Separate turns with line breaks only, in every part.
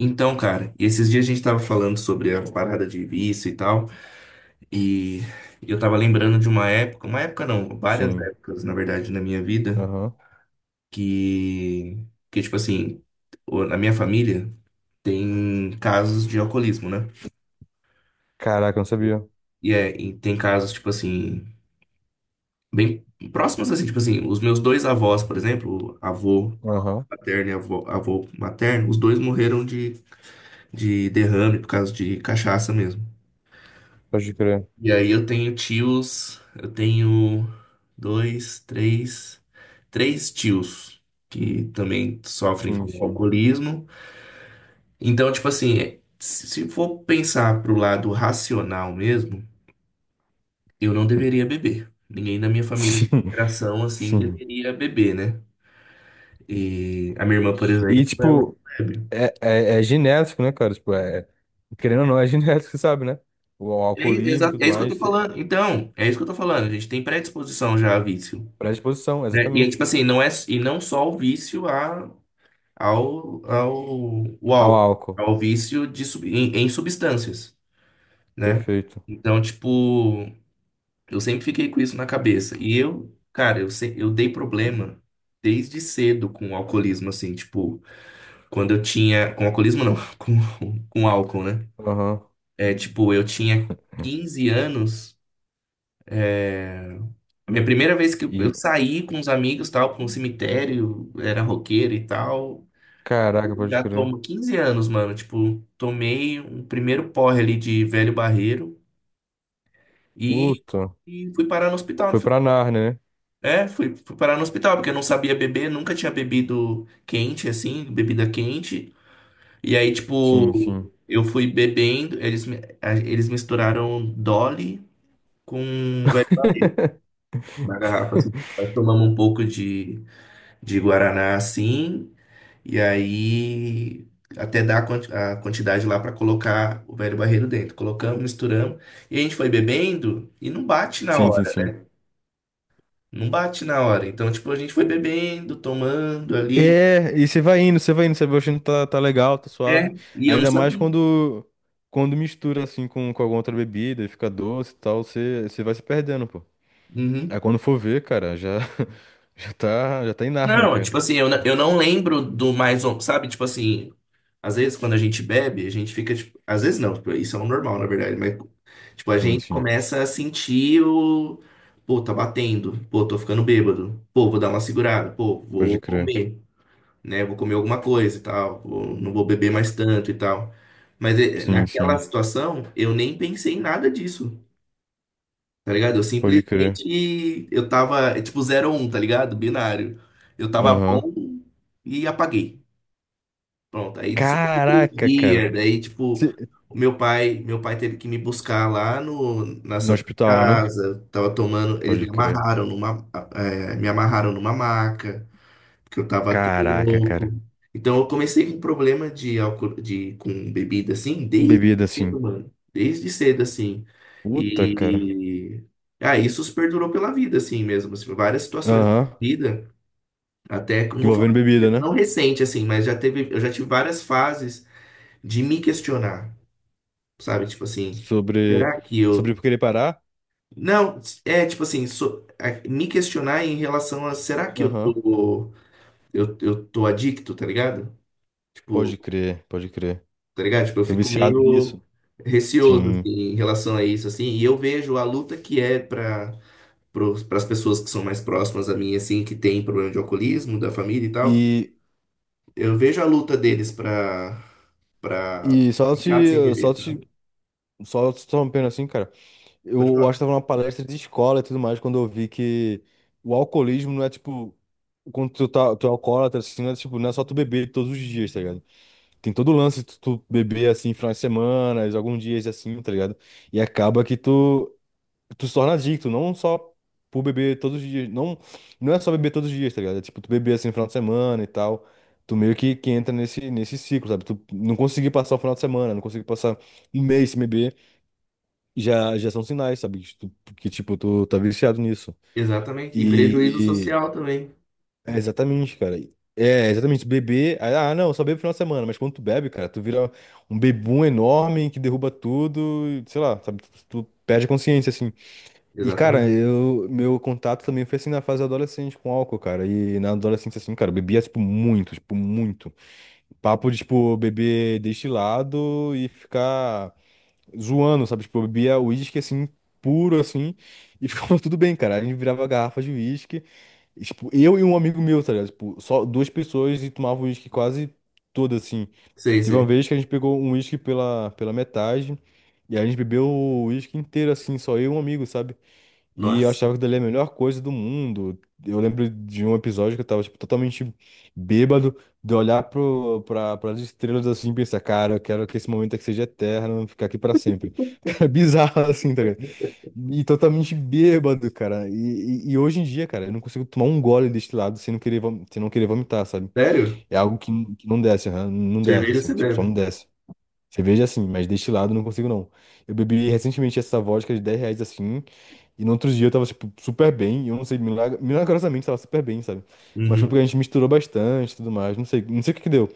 Então, cara, esses dias a gente tava falando sobre a parada de vício e tal, e eu tava lembrando de uma época não, várias
Sim.
épocas, na verdade, na minha vida,
Aham.
que, que tipo assim, na minha família tem casos de alcoolismo, né?
Caraca, eu não sabia.
E tem casos, tipo assim, bem próximos, assim, tipo assim, os meus dois avós, por exemplo, avô
Aham.
paterno e avô materno, os dois morreram de derrame por causa de cachaça mesmo.
Pode crer.
E aí eu tenho tios, eu tenho dois, três, três tios que também sofrem
Sim,
com
sim.
alcoolismo. Então, tipo assim, é, se for pensar pro lado racional mesmo, eu não deveria beber. Ninguém da minha família de
Sim.
geração assim
Sim.
deveria beber, né? E a minha irmã, por
E,
exemplo, ela não
tipo,
bebe.
é genético, né, cara? Tipo, é, querendo ou não, é genético, você sabe, né? O alcoolismo e tudo
É isso que eu
mais,
tô falando. Então, é isso que eu tô falando. A gente tem predisposição já a vício.
predisposição,
Né? E é tipo
exatamente.
assim, não é, e não só o vício o
Ao
álcool,
álcool.
ao vício de, em substâncias, né?
Perfeito.
Então, tipo, eu sempre fiquei com isso na cabeça. E eu, cara, eu, se- eu dei problema desde cedo com o alcoolismo, assim, tipo, quando eu tinha. Com alcoolismo não, com álcool, né?
Aham.
É, tipo, eu tinha 15 anos. A minha primeira vez que eu
E,
eu saí com os amigos, tal, para um cemitério, era roqueiro e tal.
caraca,
Eu
pode
Já
crer.
tomo 15 anos, mano. Tipo, tomei um primeiro porre ali de velho barreiro e,
Puta.
e fui parar no hospital. No...
Foi
final.
pra Nárnia, né?
É, fui parar no hospital, porque eu não sabia beber, nunca tinha bebido quente, assim, bebida quente. E aí,
Sim,
tipo,
sim.
eu fui bebendo, eles misturaram Dolly com na garrafa, assim. Nós tomamos um pouco de Guaraná, assim, e aí até dar a a quantidade lá para colocar o velho barreiro dentro. Colocamos, misturamos. E a gente foi bebendo e não bate na
Sim, sim,
hora.
sim.
Não bate na hora. Então, tipo, a gente foi bebendo, tomando ali.
É, e você vai indo, você vai indo, você vai achando que tá legal, tá
É.
suave.
E eu não
Ainda mais
sabia.
quando mistura assim com alguma outra bebida e fica doce e tal, você vai se perdendo, pô. Aí
Uhum.
quando for ver, cara, já já tá em Nárnia,
Não,
cara.
tipo assim, eu não lembro do mais, um, sabe? Tipo assim, às vezes quando a gente bebe, a gente fica, tipo, às vezes não, tipo, isso é um normal, na verdade, mas, tipo, a
Sim,
gente
sim.
começa a sentir o, pô, tá batendo, pô, tô ficando bêbado, pô, vou dar uma segurada, pô,
Pode
vou
crer.
comer, né? Vou comer alguma coisa e tal, não vou beber mais tanto e tal. Mas
Sim,
naquela
sim.
situação, eu nem pensei em nada disso. Tá ligado? Eu
Pode crer.
simplesmente eu tava, é tipo zero ou 1, tá ligado? Binário. Eu tava
Aham.
bom e apaguei. Pronto. Aí só outro
Caraca, cara.
dia, daí tipo,
Cê-
meu pai teve que me buscar lá no na
No
Santa
hospital, né?
Casa. Tava tomando, eles me
Pode crer.
amarraram numa, eh, me amarraram numa maca que eu estava até
Caraca, cara.
louco. Então eu comecei com problema de álcool, de com bebida assim, desde
Bebida assim.
cedo, mano. Desde cedo, assim.
Puta, cara.
E ah, isso perdurou pela vida, assim mesmo. Assim, várias situações da
Aham.
vida, até que eu não vou falar,
Envolvendo bebida, né?
não recente, assim, mas já teve, eu já tive várias fases de me questionar, sabe? Tipo assim,
Sobre
será que
sobre eu
eu.
querer parar.
Não, é tipo assim, me questionar em relação a será que eu
Aham.
tô, eu tô adicto, tá ligado? Tipo,
Pode crer, pode crer.
tá ligado? Tipo, eu
Tô
fico
viciado
meio
nisso.
receoso assim,
Sim.
em relação a isso, assim, e eu vejo a luta que é para as pessoas que são mais próximas a mim, assim, que tem problema de alcoolismo, da família e tal.
E,
Eu vejo a luta
e,
deles para
e só
ficar sem
te,
beber,
só te,
sabe?
só te interrompendo assim, cara.
Pode
Eu acho que
falar.
tava numa palestra de escola e tudo mais, quando eu vi que o alcoolismo não é tipo. Quando tu é alcoólatra, assim, não é, tipo, não é só tu beber todos os dias, tá ligado? Tem todo o lance de tu beber, assim, finais de semana, alguns dias, assim, tá ligado? E acaba que tu se torna adicto, não só por beber todos os dias. Não, não é só beber todos os dias, tá ligado? É tipo, tu beber assim no final de semana e tal. Tu meio que entra nesse ciclo, sabe? Tu não conseguir passar o final de semana, não conseguir passar um mês sem beber, já são sinais, sabe? Que, tu, que, tipo, tu tá viciado nisso.
Exatamente. E prejuízo
E, e-
social também.
é exatamente, cara. É exatamente. Beber. Ah, não, eu só bebo no final de semana. Mas quando tu bebe, cara, tu vira um bebum enorme que derruba tudo, e, sei lá, sabe? Tu perde a consciência, assim. E, cara,
Exatamente.
meu contato também foi assim na fase adolescente com álcool, cara. E na adolescência, assim, cara, eu bebia, tipo, muito, tipo, muito. Papo de, tipo, beber destilado e ficar zoando, sabe? Tipo, eu bebia uísque, assim, puro, assim, e ficava tudo bem, cara. A gente virava garrafa de uísque, e, tipo, eu e um amigo meu, tá ligado? Tipo, só duas pessoas e tomava uísque quase todo, assim.
Sei,
Teve uma
sei.
vez que a gente pegou um uísque pela metade, e a gente bebeu o uísque inteiro, assim, só eu e um amigo, sabe? E eu
Nossa.
achava que dali era a melhor coisa do mundo. Eu lembro de um episódio que eu tava, tipo, totalmente bêbado, de olhar pras estrelas assim e pensar, cara, eu quero que esse momento aqui seja eterno, ficar aqui pra sempre. Cara, bizarro assim, tá ligado? E totalmente bêbado, cara. E hoje em dia, cara, eu não consigo tomar um gole destilado sem não querer, sem não querer vomitar, sabe?
Sério?
É algo que não desce, aham, não desce,
Cerveja
assim,
você
tipo, só não
bebe.
desce. Cerveja assim, mas destilado eu não consigo não. Eu bebi recentemente essa vodka de R$ 10 assim. E no outro dia eu tava, tipo, super bem. E eu não sei, milagrosamente tava super bem, sabe? Mas foi porque
Uhum.
a gente misturou bastante e tudo mais. Não sei o que que deu.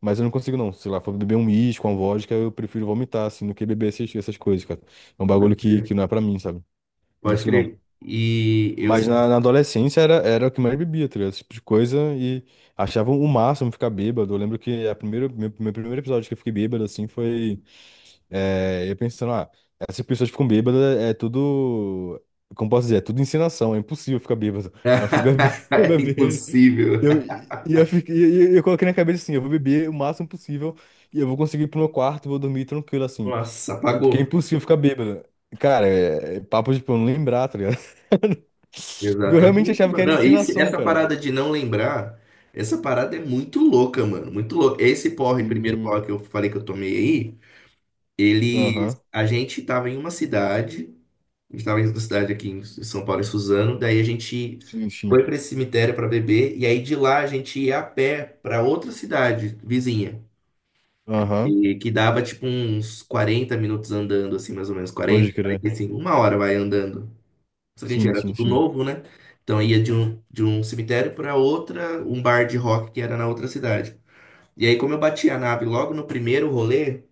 Mas eu não consigo, não. Sei lá, for beber um uísque, uma vodka, eu prefiro vomitar, assim, do que beber essas coisas, cara. É um bagulho
Pode,
que não é pra mim, sabe? Não
pode
consigo, não.
crer. E eu.
Mas na, na adolescência era o que mais bebia, tá ligado? Esse tipo de coisa. E achava o máximo ficar bêbado. Eu lembro que meu primeiro episódio que eu fiquei bêbado, assim, foi. É, eu pensando, ah, essas pessoas ficam bêbadas, é tudo. Como posso dizer? É tudo encenação, é impossível ficar bêbado. Aí eu fui beber, eu
É
beber.
impossível.
Eu, e eu, fiquei, e eu coloquei na cabeça assim: eu vou beber o máximo possível e eu vou conseguir ir pro meu quarto, vou dormir tranquilo assim.
Nossa,
Porque é
apagou.
impossível ficar bêbado. Cara, é papo de tipo, eu não lembrar, tá ligado? Porque eu realmente
Exatamente,
achava que
mano.
era
Não,
encenação,
essa
cara.
parada de não lembrar, essa parada é muito louca, mano. Muito louca. Esse porre, primeiro
Sim,
porre que eu falei que eu tomei aí, eles.
aham,
A gente tava em uma cidade, a gente tava em uma cidade aqui em São Paulo, em Suzano, daí a gente
sim, sim,
foi pra esse cemitério pra beber, e aí de lá a gente ia a pé pra outra cidade vizinha.
aham,
E que dava tipo uns 40 minutos andando, assim, mais ou menos,
pode
40,
crer.
45, uma hora vai andando. Só que, gente,
Sim,
era
sim,
tudo
sim.
novo, né? Então ia de de um cemitério para outra, um bar de rock que era na outra cidade. E aí, como eu bati a nave logo no primeiro rolê,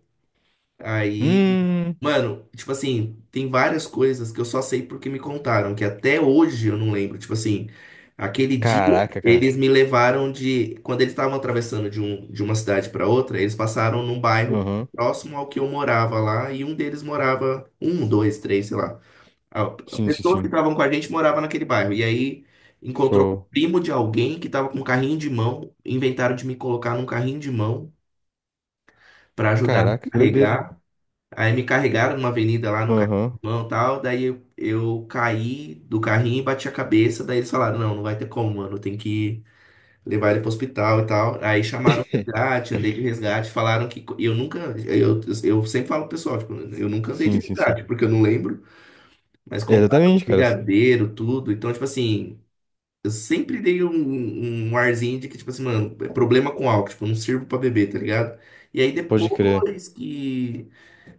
aí,
Hum.
mano, tipo assim, tem várias coisas que eu só sei porque me contaram, que até hoje eu não lembro. Tipo assim, aquele dia
Caraca, cara.
eles me levaram de. Quando eles estavam atravessando de uma cidade para outra, eles passaram num bairro
Aham.
próximo ao que eu morava lá, e um deles morava, três, sei lá. A-
Sim, sim,
Pessoas que
sim.
estavam com a gente moravam naquele bairro. E aí encontrou o
Show.
primo de alguém que estava com um carrinho de mão. Inventaram de me colocar num carrinho de mão para ajudar a me
Caraca, que doideira.
carregar. Aí me carregaram numa avenida lá no carrinho de
Aham.
mão e tal. Daí eu caí do carrinho e bati a cabeça. Daí eles falaram: não, não vai ter como, mano. Tem que levar ele pro hospital e tal. Aí chamaram o resgate, andei de resgate. Falaram que eu nunca. Eu sempre falo pro pessoal: tipo, eu nunca andei de
Sim, sim, sim.
resgate, porque eu não lembro. Mas
É,
compraram
exatamente, cara.
brigadeiro, tudo. Então, tipo assim, eu sempre dei um arzinho de que, tipo assim, mano, é problema com álcool, tipo, eu não sirvo pra beber, tá ligado? E aí
Pode crer.
depois que.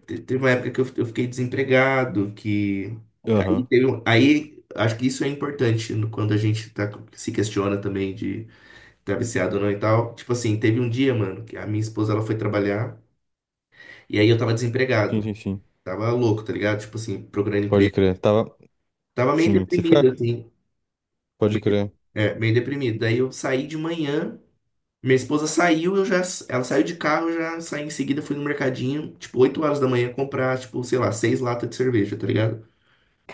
Teve uma época que eu fiquei desempregado, que.
Aham.
Aí acho que isso é importante quando a gente tá, se questiona também de tá viciado ou não e tal. Tipo assim, teve um dia, mano, que a minha esposa ela foi trabalhar e aí eu tava
Sim,
desempregado.
sim, sim.
Tava louco, tá ligado? Tipo assim, procurando
Pode
emprego.
crer. Tava.
Tava meio
Sim, se ficar.
deprimido, assim.
Pode
Meio, de-
crer.
meio deprimido. Daí eu saí de manhã, minha esposa saiu, ela saiu de carro, eu já saí em seguida, fui no mercadinho, tipo, 8 horas da manhã, comprar, tipo, sei lá, 6 latas de cerveja, tá ligado?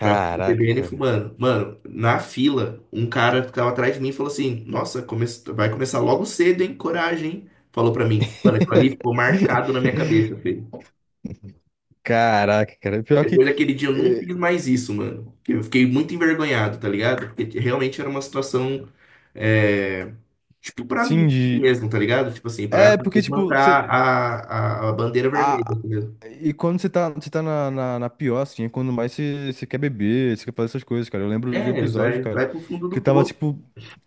Pra TBN
cara.
fumando. Mano, na fila, um cara que tava atrás de mim falou assim: nossa, vai começar logo cedo, hein? Coragem, hein? Falou pra mim. Mano, aquilo ali ficou marcado na minha cabeça, filho.
Caraca, cara. Pior que.
Depois daquele dia eu não
É,
fiz mais isso, mano. Eu fiquei muito envergonhado, tá ligado? Porque realmente era uma situação. é, Tipo, pra
sim,
vida
de.
mesmo, tá ligado? Tipo assim, pra
É, porque, tipo,
levantar a bandeira vermelha,
A...
entendeu?
e quando você tá, na pior, assim, é quando mais você quer beber, você quer fazer essas coisas, cara. Eu lembro de um
É,
episódio,
vai,
cara,
vai pro fundo
que
do
eu tava,
poço.
tipo,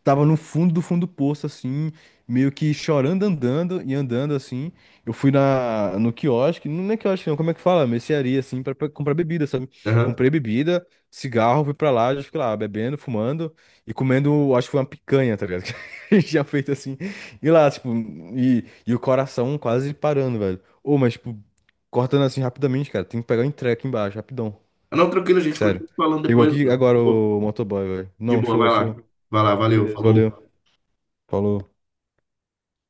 tava no fundo do poço, assim, meio que chorando, andando e andando, assim. Eu fui no quiosque, não é quiosque, não, como é que fala? Mercearia, assim, pra comprar bebida, sabe?
Aham.
Comprei bebida, cigarro, fui pra lá, já fiquei lá, bebendo, fumando e comendo, acho que foi uma picanha, tá ligado? Que a gente tinha feito assim. E lá, tipo, e o coração quase parando, velho. Ô, mas, tipo, cortando assim rapidamente, cara. Tem que pegar o entrega aqui embaixo, rapidão.
Ah, não, tranquilo, gente.
Sério.
Continua falando
Chegou
depois.
aqui agora o motoboy, velho.
De
Não,
boa,
show,
vai lá.
show.
Vai lá, valeu,
Beleza,
falou.
valeu. Falou.